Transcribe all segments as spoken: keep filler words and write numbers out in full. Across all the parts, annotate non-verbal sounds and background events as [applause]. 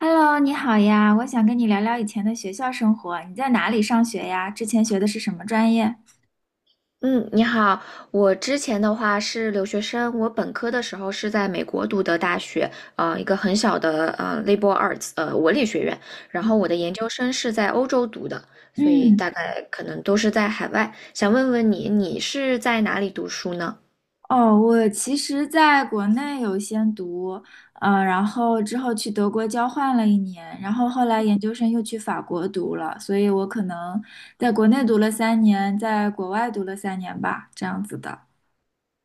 Hello,你好呀，我想跟你聊聊以前的学校生活。你在哪里上学呀？之前学的是什么专业？嗯，你好。我之前的话是留学生，我本科的时候是在美国读的大学，呃，一个很小的呃 liberal arts 呃文理学院。然后我的研究生是在欧洲读的，所以嗯，大概可能都是在海外。想问问你，你是在哪里读书呢？哦，我其实在国内有先读，呃，然后之后去德国交换了一年，然后后来研究生又去法国读了，所以我可能在国内读了三年，在国外读了三年吧，这样子的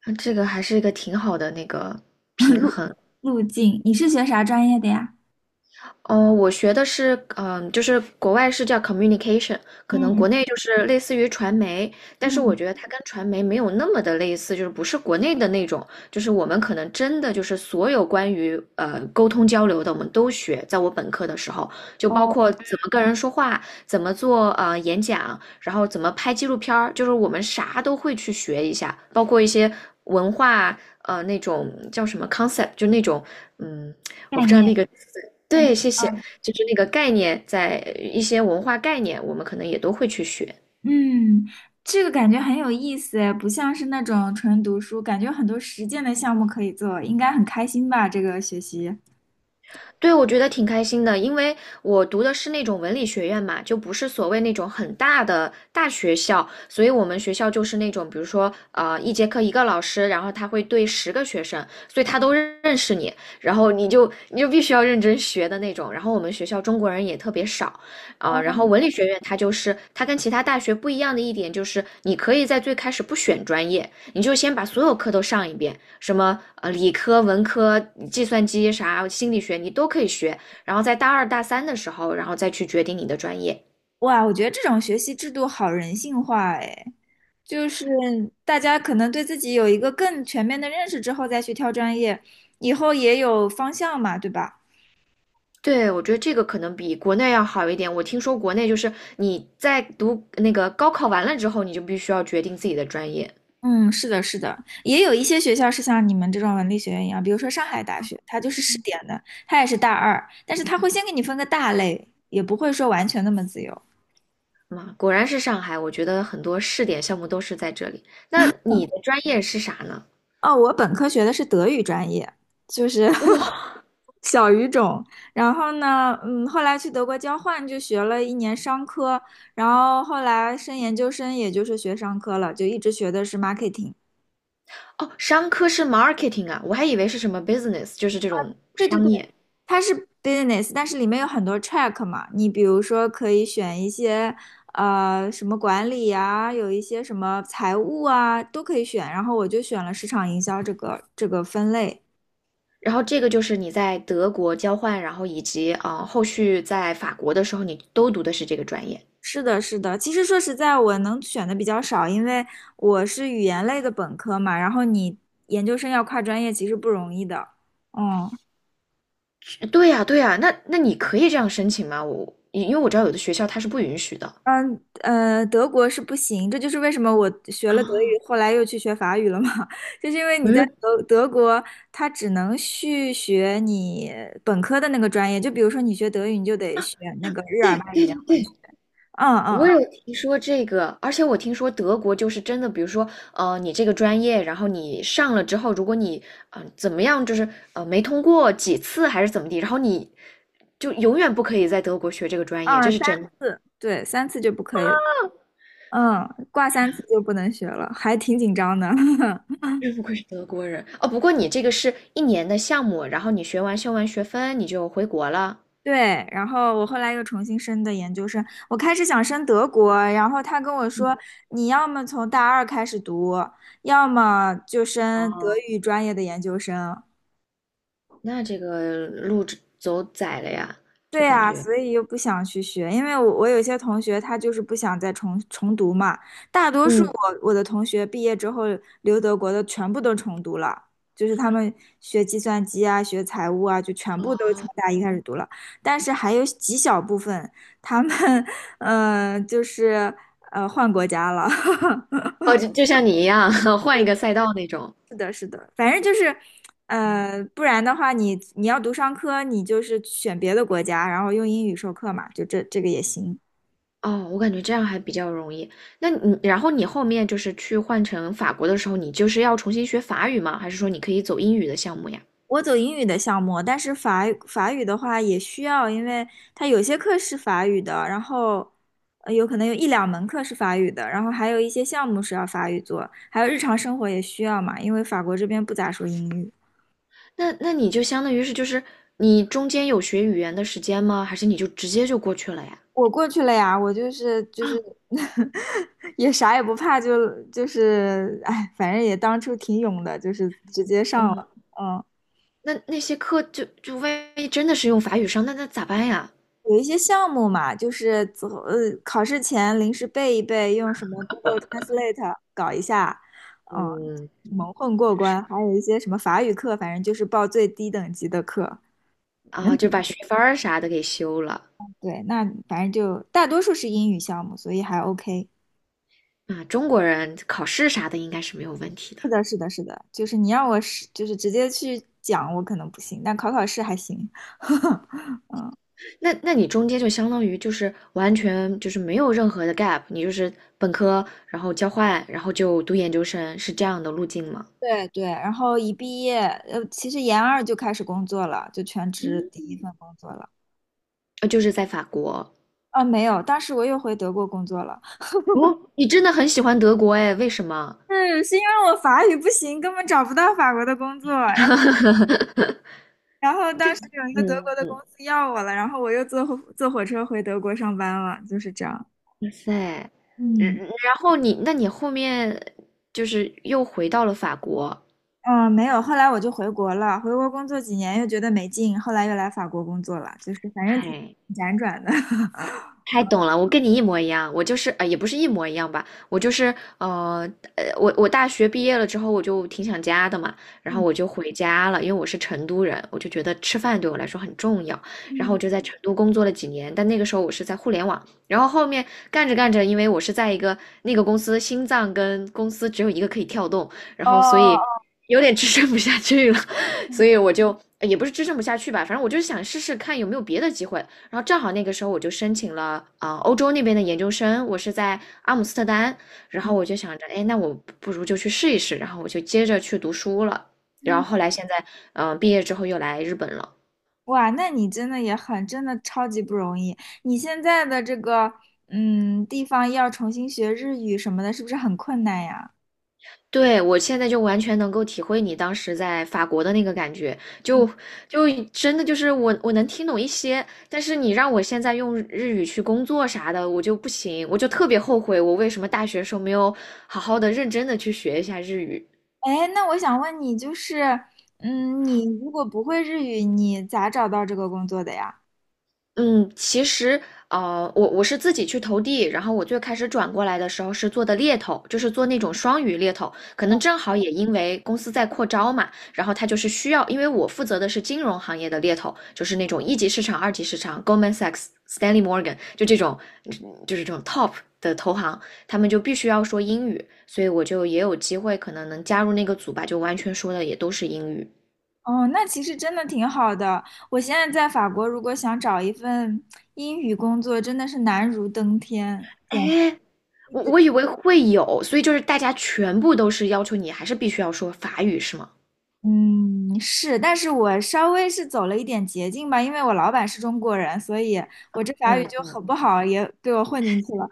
啊这个还是一个挺好的那个平衡。路径。你是学啥专业的呀？哦，我学的是，嗯、就是国外是叫 communication，可能嗯国内就是类似于传媒，但是我嗯，觉得它跟传媒没有那么的类似，就是不是国内的那种，就是我们可能真的就是所有关于呃沟通交流的，我们都学，在我本科的时候，就包括哦，怎么跟人说话，怎么做呃演讲，然后怎么拍纪录片儿，就是我们啥都会去学一下，包括一些文化呃那种叫什么 concept，就那种嗯。我概不知道那念，个概念。对，谢谢。嗯就是那个概念，在一些文化概念，我们可能也都会去学。嗯，这个感觉很有意思诶，不像是那种纯读书，感觉有很多实践的项目可以做，应该很开心吧？这个学习。对，我觉得挺开心的，因为我读的是那种文理学院嘛，就不是所谓那种很大的大学校，所以我们学校就是那种，比如说，呃，一节课一个老师，然后他会对十个学生，所以他都认认识你，然后你就你就必须要认真学的那种。然后我们学校中国人也特别少，啊、然后哦，文理学院它就是它跟其他大学不一样的一点就是，你可以在最开始不选专业，你就先把所有课都上一遍，什么呃理科、文科、计算机啥、心理学你都可以学，然后在大二大三的时候，然后再去决定你的专业。哇，我觉得这种学习制度好人性化哎，就是大家可能对自己有一个更全面的认识之后再去挑专业，以后也有方向嘛，对吧？对，我觉得这个可能比国内要好一点。我听说国内就是你在读那个高考完了之后，你就必须要决定自己的专业。嗯，是的，是的，也有一些学校是像你们这种文理学院一样，比如说上海大学，它就是试点的，它也是大二，但是它会先给你分个大类，也不会说完全那么自由。嘛，果然是上海，我觉得很多试点项目都是在这里。那你的专业是啥呢？哦，我本科学的是德语专业，就是 哇，[laughs] 小语种。然后呢，嗯，后来去德国交换就学了一年商科，然后后来升研究生，也就是学商科了，就一直学的是 marketing。哦，商科是 marketing 啊，我还以为是什么 business，就是这种对对商对，业。它是 business,但是里面有很多 track 嘛，你比如说可以选一些呃什么管理呀，有一些什么财务啊，都可以选。然后我就选了市场营销这个这个分类。然后这个就是你在德国交换，然后以及啊、呃后续在法国的时候，你都读的是这个专业。是的，是的。其实说实在，我能选的比较少，因为我是语言类的本科嘛，然后你研究生要跨专业，其实不容易的。嗯。对呀，对呀，那那你可以这样申请吗？我因为我知道有的学校它是不允许的。嗯呃，德国是不行，这就是为什么我学了德啊，语，后来又去学法语了嘛，[laughs] 就是因为你在嗯，德德国，它只能续学你本科的那个专业，就比如说你学德语，你就得学那个日耳曼语言文学，嗯嗯我嗯有听说这个，而且我听说德国就是真的，比如说，呃，你这个专业，然后你上了之后，如果你，嗯、呃怎么样，就是呃，没通过几次还是怎么地，然后你就永远不可以在德国学这个专业，嗯，这三是真的。对三次就不可以，嗯，挂三次就不能学了，还挺紧张的。[laughs] 真不愧是德国人哦！不过你这个是一年的项目，然后你学完修完学分，你就回国了。对，然后我后来又重新申的研究生，我开始想申德国，然后他跟我说，你要么从大二开始读，要么就申德哦，语专业的研究生。那这个路只走窄了呀，就对感啊，觉，所以又不想去学，因为我我有些同学他就是不想再重重读嘛，大多数嗯，我我的同学毕业之后留德国的全部都重读了，就是他们学计算机啊、学财务啊，就全部都从大一开始读了，但是还有极小部分他们 [laughs] 呃就是呃换国家了，哦，就就像你一样，[laughs] 换一个赛道那种。[laughs] 是的，是的，反正就是。呃，不然的话你，你要读商科，你就是选别的国家，然后用英语授课嘛，就这这个也行。哦，我感觉这样还比较容易。那你，然后你后面就是去换成法国的时候，你就是要重新学法语吗？还是说你可以走英语的项目呀？我走英语的项目，但是法语法语的话也需要，因为它有些课是法语的，然后呃有可能有一两门课是法语的，然后还有一些项目是要法语做，还有日常生活也需要嘛，因为法国这边不咋说英语。那那你就相当于是就是你中间有学语言的时间吗？还是你就直接就过去了呀？我过去了呀，我就是就是 [laughs] 也啥也不怕就，就是哎，反正也当初挺勇的，就是直接上哦，了，嗯。那那些课就就万一真的是用法语上，那那咋办呀？有一些项目嘛，就是走呃考试前临时背一背，用什么 Google Translate 搞一下，嗯，嗯，蒙混过关。还有一些什么法语课，反正就是报最低等级的课。啊，就把学分儿啥的给修了对，那反正就大多数是英语项目，所以还 OK。啊。中国人考试啥的应该是没有问题的。是的，是的，就是你让我是就是直接去讲，我可能不行，但考考试还行。[laughs] 那那你中间就相当于就是完全就是没有任何的 gap，你就是本科，然后交换，然后就读研究生，是这样的路径吗？对对，然后一毕业，呃，其实研二就开始工作了，就全职嗯，第一份工作了。呃就是在法国。啊，没有，当时我又回德国工作了。哦，你真的很喜欢德国哎？为什么？是是因为我法语不行，根本找不到法国的工作。然后 [laughs] 然后当时有一个德国的公嗯。司要我了，然后我又坐火坐火车回德国上班了，就是这样。哇塞，嗯，嗯嗯然后你，那你后面就是又回到了法国，嗯，呃没有，后来我就回国了，回国工作几年又觉得没劲，后来又来法国工作了，就是反正挺嗨，辗转的。[laughs] 太懂了，我跟你一模一样，我就是呃，也不是一模一样吧，我就是呃呃，我我大学毕业了之后，我就挺想家的嘛，然后嗯我就回家了，因为我是成都人，我就觉得吃饭对我来说很重要，然后嗯我就在成都工作了几年，但那个时候我是在互联网，然后后面干着干着，因为我是在一个那个公司心脏跟公司只有一个可以跳动，然后所以哦，有点支撑不下去了，[laughs] 所以我就呃也不是支撑不下去吧，反正我就是想试试看有没有别的机会。然后正好那个时候我就申请了啊、呃欧洲那边的研究生，我是在阿姆斯特丹，然嗯后我就想着，哎，那我不如就去试一试，然后我就接着去读书了，然嗯，后后来现在，嗯、毕业之后又来日本了。哇，那你真的也很，真的超级不容易。你现在的这个嗯地方要重新学日语什么的，是不是很困难呀？对，我现在就完全能够体会你当时在法国的那个感觉，就就真的就是我我能听懂一些，但是你让我现在用日语去工作啥的，我就不行，我就特别后悔我为什么大学时候没有好好的认真的去学一下日语。哎，那我想问你，就是，嗯，你如果不会日语，你咋找到这个工作的呀？嗯，其实，呃，我我是自己去投递，然后我最开始转过来的时候是做的猎头，就是做那种双语猎头，可能正好也因为公司在扩招嘛，然后他就是需要，因为我负责的是金融行业的猎头，就是那种一级市场、二级市场，Goldman Sachs、Stanley Morgan，就这种，嗯就是这种 top 的投行，他们就必须要说英语，所以我就也有机会可能能加入那个组吧，就完全说的也都是英语。哦，那其实真的挺好的。我现在在法国，如果想找一份英语工作，真的是难如登天，简我直。我以为会有，所以就是大家全部都是要求你还是必须要说法语，是吗？嗯，是，但是我稍微是走了一点捷径吧，因为我老板是中国人，所以我这法语嗯就嗯，很不好，也被我混进去了。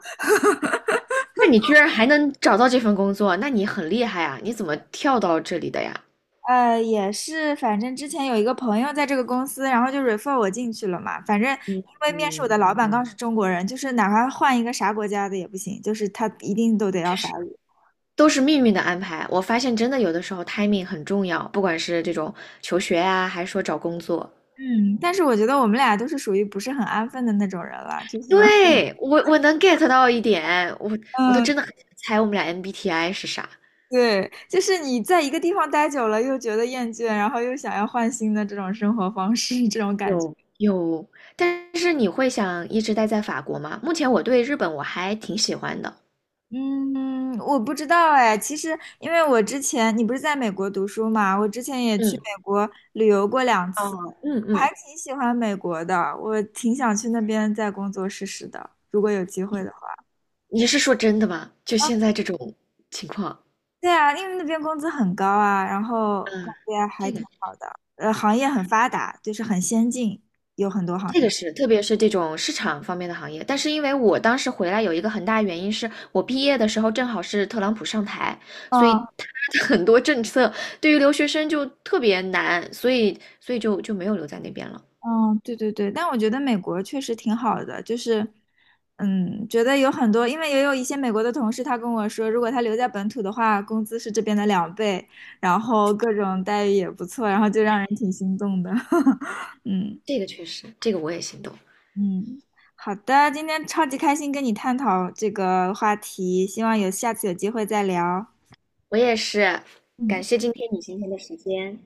那你居然还能找到这份工作，那你很厉害啊！你怎么跳到这里的呀？呃，也是，反正之前有一个朋友在这个公司，然后就 refer 我进去了嘛。反正因嗯为面试我嗯的老板嗯，刚是中国人，就是哪怕换一个啥国家的也不行，就是他一定都得要法语。都是命运的安排。我发现真的有的时候 timing 很重要，不管是这种求学啊，还是说找工作。嗯，但是我觉得我们俩都是属于不是很安分的那种人了，就是，对，我我能 get 到一点，我我都嗯，真的很想猜我们俩 M B T I 是啥。对，就是你在一个地方待久了又觉得厌倦，然后又想要换新的这种生活方式，这种感觉。有有，但是你会想一直待在法国吗？目前我对日本我还挺喜欢的。嗯，我不知道哎。其实，因为我之前你不是在美国读书嘛，我之前也去嗯，美国旅游过两次，哦，嗯我还嗯，挺喜欢美国的，我挺想去那边再工作试试的，如果有机会的话。你是说真的吗？就现在这种情况，对啊，因为那边工资很高啊，然后感嗯，觉还这个挺好的，呃，行业很发达，就是很先进，有很多行这个业。是，特别是这种市场方面的行业。但是因为我当时回来有一个很大原因是我毕业的时候正好是特朗普上台，所以他的很多政策对于留学生就特别难，所以所以就就没有留在那边了。嗯，对对对，但我觉得美国确实挺好的，就是，嗯，觉得有很多，因为也有一些美国的同事，他跟我说，如果他留在本土的话，工资是这边的两倍，然后各种待遇也不错，然后就让人挺心动的。[laughs] 嗯这个确实，这个我也心动。嗯，好的，今天超级开心跟你探讨这个话题，希望有下次有机会再聊。我也是，感嗯。谢今天你今天的时间。